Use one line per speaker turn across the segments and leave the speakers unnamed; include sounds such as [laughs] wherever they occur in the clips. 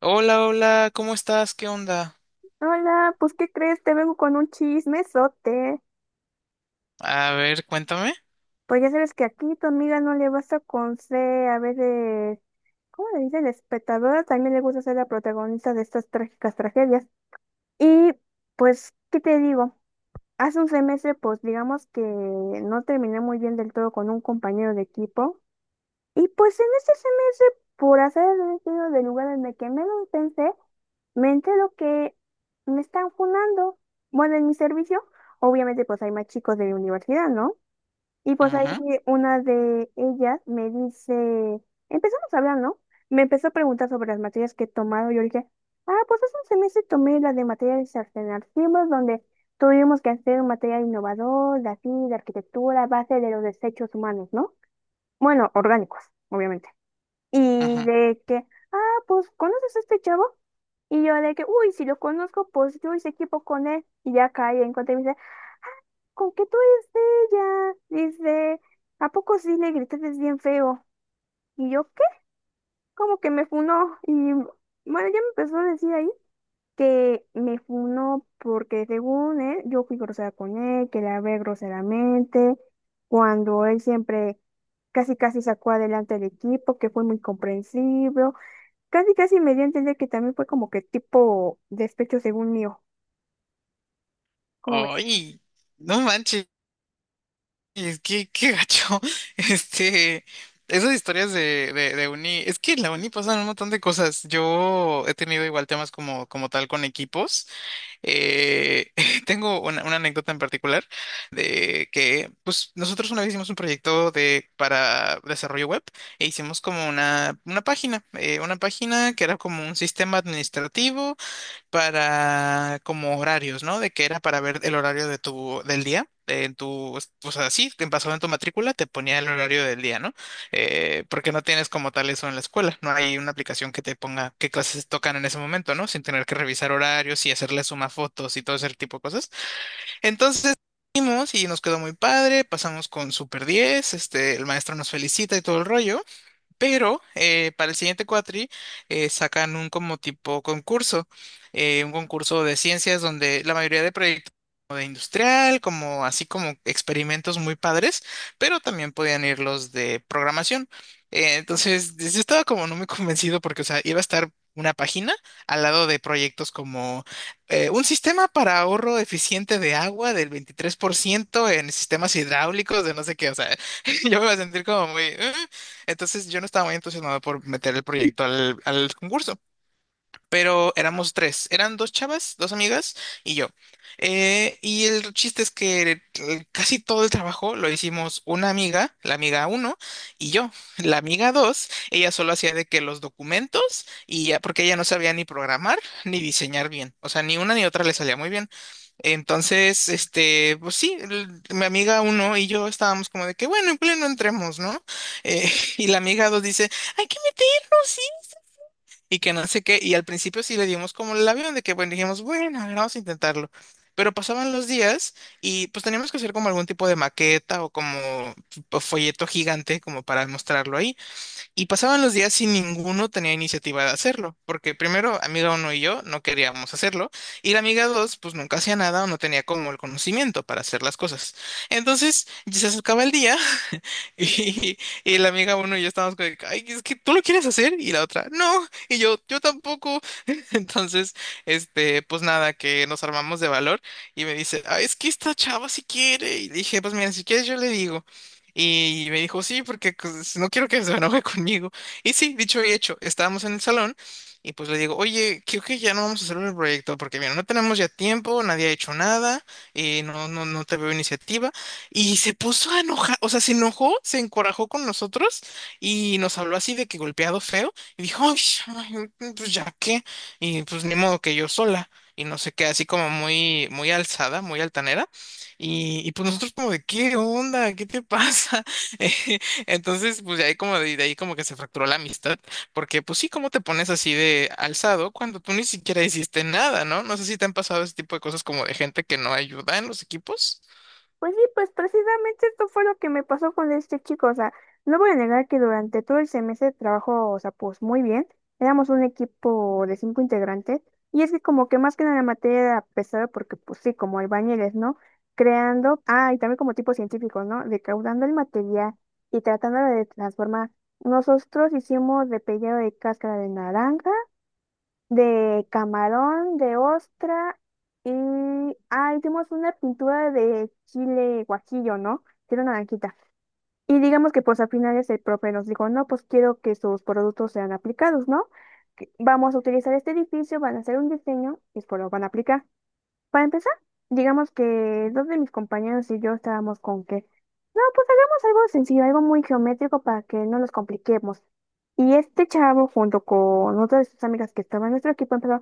Hola, hola, ¿cómo estás? ¿Qué onda?
Hola, pues ¿qué crees? Te vengo con un chismesote.
A ver, cuéntame.
Pues ya sabes que aquí tu amiga no le basta con ser a veces, ¿cómo le dicen? Espectadora, también le gusta ser la protagonista de estas trágicas tragedias. Y pues, ¿qué te digo? Hace un semestre, pues digamos que no terminé muy bien del todo con un compañero de equipo. Y pues en ese semestre, por hacer el destino del lugar en el que menos pensé, me entero que me están funando. Bueno, en mi servicio, obviamente pues hay más chicos de la universidad, ¿no? Y pues ahí
Ajá,
una de ellas me dice, empezamos a hablar, ¿no? Me empezó a preguntar sobre las materias que he tomado. Yo le dije, ah, pues hace un semestre tomé la de materiales alternativos, donde tuvimos que hacer un material innovador, de así, de arquitectura, a base de los desechos humanos, ¿no? Bueno, orgánicos, obviamente. Y
ajá.
de que, ah, pues, ¿conoces a este chavo? Y yo de que, uy, si lo conozco, pues yo hice equipo con él. Y ya cae en cuenta y me dice, ¿con qué tú eres de ella? Dice, ¿a poco sí le gritaste bien feo? Y yo, ¿qué? Como que me funó. Y bueno, ya me empezó a decir ahí que me funó porque según él, yo fui grosera con él, que la hablé groseramente, cuando él siempre casi casi sacó adelante el equipo, que fue muy comprensible. Casi, casi me dio a entender que también fue como que tipo despecho según mío. ¿Cómo ves?
Ay, no manches, qué gacho. [laughs] Este, esas historias de uni, es que en la uni pasan un montón de cosas. Yo he tenido igual temas como tal con equipos. Eh, [laughs] tengo una anécdota en particular de que, pues, nosotros una vez hicimos un proyecto para desarrollo web e hicimos como una página que era como un sistema administrativo para como horarios, ¿no? De que era para ver el horario de tu del día. En tu, o sea, sí, te pasado en tu matrícula, te ponía el horario del día, ¿no? Porque no tienes como tal eso en la escuela. No hay una aplicación que te ponga qué clases tocan en ese momento, ¿no? Sin tener que revisar horarios y hacerle suma fotos y todo ese tipo de cosas. Entonces, fuimos y nos quedó muy padre, pasamos con Super 10, este, el maestro nos felicita y todo el rollo. Pero para el siguiente cuatri sacan un como tipo concurso, un concurso de ciencias donde la mayoría de proyectos como de industrial, como así como experimentos muy padres, pero también podían ir los de programación. Entonces, yo estaba como no muy convencido porque, o sea, iba a estar una página al lado de proyectos como un sistema para ahorro eficiente de agua del 23% en sistemas hidráulicos, de no sé qué, o sea, [laughs] yo me iba a sentir como muy...". Entonces yo no estaba muy entusiasmado por meter el proyecto al concurso, pero éramos tres, eran dos chavas, dos amigas y yo. Y el chiste es que casi todo el trabajo lo hicimos una amiga, la amiga uno, y yo, la amiga dos, ella solo hacía de que los documentos y ya, porque ella no sabía ni programar ni diseñar bien, o sea, ni una ni otra le salía muy bien. Entonces, este, pues sí, mi amiga uno y yo estábamos como de que, bueno, en pleno entremos, ¿no? Eh, [laughs] y la amiga dos dice, hay que meternos, sí. Y que no sé qué. Y al principio sí le dimos como el avión de que, bueno, dijimos, bueno, a ver, vamos a intentarlo. Pero pasaban los días y pues teníamos que hacer como algún tipo de maqueta o como folleto gigante como para mostrarlo ahí. Y pasaban los días sin ninguno tenía iniciativa de hacerlo, porque primero, amiga uno y yo no queríamos hacerlo, y la amiga dos, pues nunca hacía nada o no tenía como el conocimiento para hacer las cosas. Entonces, ya se acercaba el día. [laughs] Y, y la amiga uno y yo estábamos como, de que, ay, es que tú lo quieres hacer y la otra, no, y yo tampoco. [laughs] Entonces, este, pues nada, que nos armamos de valor y me dice, ay, es que esta chava si quiere. Y dije, pues mira, si quieres yo le digo. Y me dijo, sí, porque pues, si no quiero que se enoje conmigo. Y sí, dicho y hecho, estábamos en el salón y pues le digo, oye, creo que ya no vamos a hacer el proyecto porque mira, no tenemos ya tiempo, nadie ha hecho nada, y no, no, no te veo iniciativa. Y se puso a enojar, o sea, se enojó, se encorajó con nosotros y nos habló así de que golpeado feo. Y dijo, "Ay, ay, pues ya qué. Y pues ni modo que yo sola. Y no sé qué, así como muy, muy alzada, muy altanera. Y pues nosotros como de, ¿qué onda? ¿Qué te pasa? [laughs] Eh, Entonces, pues de ahí como de ahí como que se fracturó la amistad. Porque pues sí, ¿cómo te pones así de alzado cuando tú ni siquiera hiciste nada, ¿no? No sé si te han pasado ese tipo de cosas como de gente que no ayuda en los equipos.
Pues sí, pues precisamente esto fue lo que me pasó con este chico. O sea, no voy a negar que durante todo el semestre de trabajo, o sea, pues muy bien. Éramos un equipo de cinco integrantes. Y es que como que más que nada la materia era pesada porque, pues sí, como albañiles, ¿no? Creando, ah, y también como tipo científicos, ¿no? Decaudando el material y tratándolo de transformar. Nosotros hicimos de pellejo de cáscara de naranja de camarón, de ostra y... ah, hicimos una pintura de chile guajillo, ¿no? Que Era naranjita. Y digamos que pues al final ese profe nos dijo, no, pues quiero que sus productos sean aplicados, ¿no? Que Vamos a utilizar este edificio, van a hacer un diseño y pues lo van a aplicar. Para empezar, digamos que dos de mis compañeros y yo estábamos con que, no, pues hagamos algo sencillo, algo muy geométrico para que no nos compliquemos. Y este chavo, junto con otras de sus amigas que estaban en nuestro equipo, empezó, no,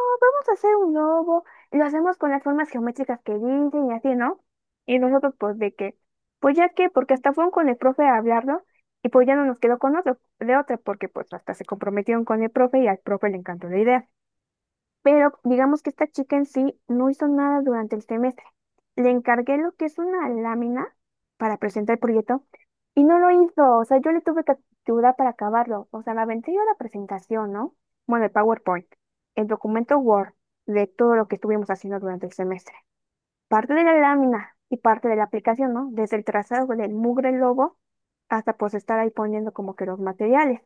vamos a hacer un globo, y lo hacemos con las formas geométricas que dicen y así, ¿no? Y nosotros, pues, de que, pues ya que, porque hasta fueron con el profe a hablarlo, y pues ya no nos quedó con otro, de otra, porque pues hasta se comprometieron con el profe y al profe le encantó la idea. Pero digamos que esta chica en sí no hizo nada durante el semestre. Le encargué lo que es una lámina para presentar el proyecto y no lo hizo. O sea, yo le tuve que ayudar para acabarlo. O sea, la aventé yo la presentación, ¿no? Bueno, el PowerPoint, el documento Word de todo lo que estuvimos haciendo durante el semestre. Parte de la lámina y parte de la aplicación, ¿no? Desde el trazado del mugre logo hasta pues estar ahí poniendo como que los materiales.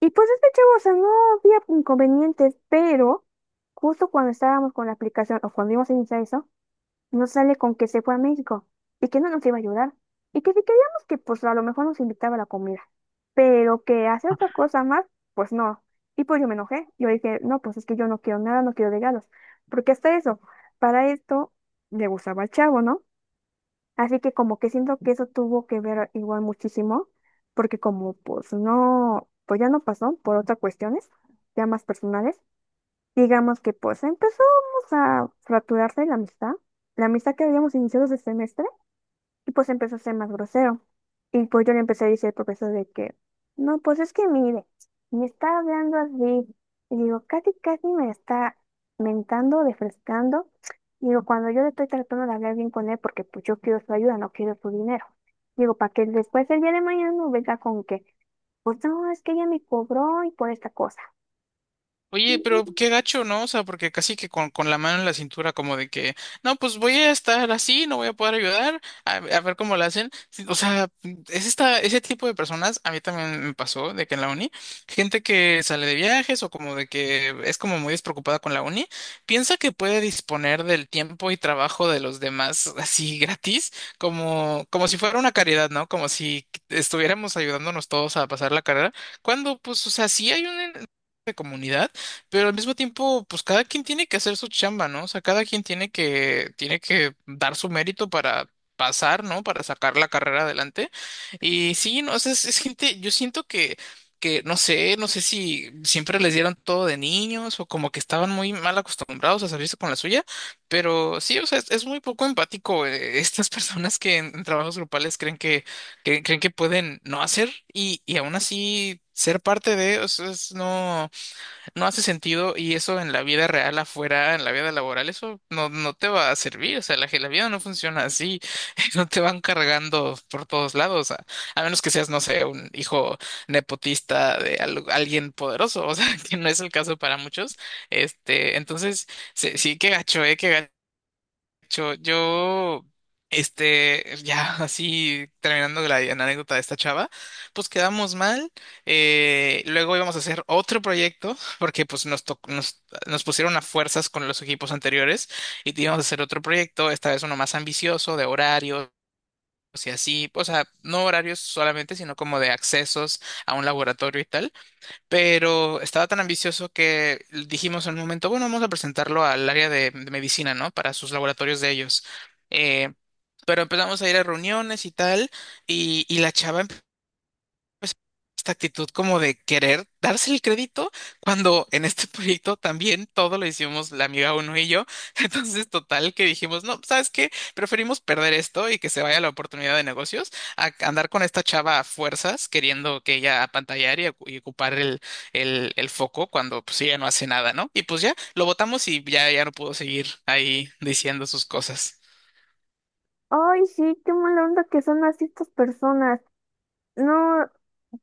Y pues este chavo, o sea, no había inconvenientes, pero justo cuando estábamos con la aplicación o cuando íbamos a iniciar eso, nos sale con que se fue a México y que no nos iba a ayudar. Y que si queríamos que pues a lo mejor nos invitaba a la comida, pero que hacer otra cosa más, pues no. Y pues yo me enojé, yo dije, no, pues es que yo no quiero nada, no quiero regalos, porque hasta eso, para esto le gustaba al chavo, ¿no? Así que como que siento que eso tuvo que ver igual muchísimo, porque como pues no, pues ya no pasó por otras cuestiones, ya más personales, digamos que pues empezamos a fracturarse la amistad que habíamos iniciado ese semestre, y pues empezó a ser más grosero. Y pues yo le empecé a decir al profesor de que, no, pues es que mire, me está hablando así. Y digo, casi, casi me está mentando, refrescando. Digo, cuando yo le estoy tratando de hablar bien con él, porque pues yo quiero su ayuda, no quiero su dinero. Digo, para que después el día de mañana no venga con que, pues no, es que ella me cobró y por esta cosa.
Oye, pero qué gacho, ¿no? O sea, porque casi que con la mano en la cintura, como de que, no, pues voy a estar así, no voy a poder ayudar, a ver cómo lo hacen. Sí, o sea, es esta, ese tipo de personas, a mí también me pasó de que en la uni, gente que sale de viajes o como de que es como muy despreocupada con la uni, piensa que puede disponer del tiempo y trabajo de los demás así gratis, como si fuera una caridad, ¿no? Como si estuviéramos ayudándonos todos a pasar la carrera, cuando, pues, o sea, sí hay un de comunidad, pero al mismo tiempo, pues cada quien tiene que hacer su chamba, ¿no? O sea, cada quien tiene que dar su mérito para pasar, ¿no? Para sacar la carrera adelante. Y sí, no, o sea, es gente, yo siento que no sé si siempre les dieron todo de niños o como que estaban muy mal acostumbrados a salirse con la suya, pero sí, o sea, es muy poco empático, [laughs] estas personas que en trabajos grupales creen que pueden no hacer y aún así ser parte de, o sea, es no hace sentido y eso en la vida real afuera, en la vida laboral, eso no te va a servir, o sea, la vida no funciona así, [laughs] no te van cargando por todos lados, a menos que seas, no sé, un hijo nepotista de alguien poderoso, o sea, [laughs] que no es el caso para muchos, este, entonces, sí, sí, qué gacho yo, este, ya. [laughs] Así terminando la anécdota de esta chava, pues quedamos mal. Luego íbamos a hacer otro proyecto, [laughs] porque pues nos pusieron a fuerzas con los equipos anteriores y íbamos a hacer otro proyecto, esta vez uno más ambicioso, de horarios y así, o sea, no horarios solamente, sino como de accesos a un laboratorio y tal, pero estaba tan ambicioso que dijimos en un momento, bueno, vamos a presentarlo al área de medicina, ¿no? Para sus laboratorios de ellos. Eh, pero empezamos a ir a reuniones y tal, y la chava pues, esta actitud como de querer darse el crédito cuando en este [laughs] proyecto también todo lo hicimos la amiga uno y yo. [laughs] Entonces, total que dijimos, no, ¿sabes qué? Preferimos perder esto y que se vaya la oportunidad de negocios a andar con esta chava a fuerzas queriendo que ella apantallar y ocupar el foco cuando pues ella no hace nada, ¿no? Y pues ya lo votamos y ya no pudo seguir ahí diciendo sus cosas.
Ay, sí, qué mala onda que son así estas personas. No,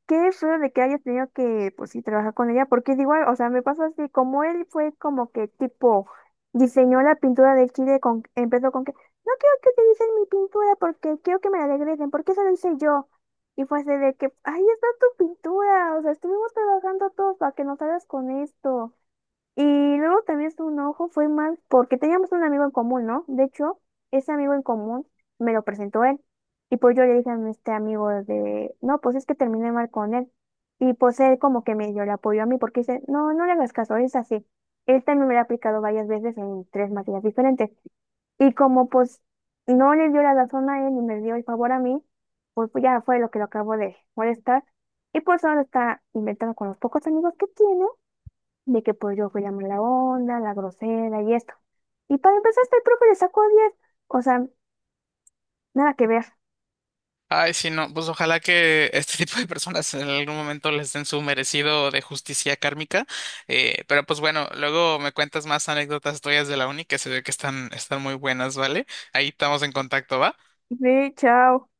qué feo de que hayas tenido que, pues sí, trabajar con ella, porque es igual, o sea, me pasa así, como él fue como que tipo, diseñó la pintura del Chile, con, empezó con que, no quiero que utilicen mi pintura porque quiero que me la regresen, porque eso lo hice yo. Y fue así de que, ahí está tu pintura, o sea, estuvimos trabajando todos para que nos hagas con esto. Y luego también su enojo fue más porque teníamos un amigo en común, ¿no? De hecho, ese amigo en común me lo presentó él. Y pues yo le dije a este amigo de, no, pues es que terminé mal con él. Y pues él como que medio le apoyó a mí porque dice, no, no le hagas caso, es así. Él también me lo ha aplicado varias veces en tres materias diferentes. Y como pues no le dio la razón a él ni me dio el favor a mí, pues ya fue lo que lo acabo de molestar. Y pues ahora está inventando con los pocos amigos que tiene de que pues yo fui la mala onda, la grosera y esto. Y para empezar, hasta el profe le sacó 10. O sea, nada que ver.
Ay, sí, no, pues ojalá que este [laughs] tipo de personas en algún momento les den su merecido de justicia kármica. Pero pues bueno, luego me cuentas más anécdotas tuyas de la uni que se ve que están muy buenas, ¿vale? Ahí estamos en contacto, ¿va?
Ve, chao.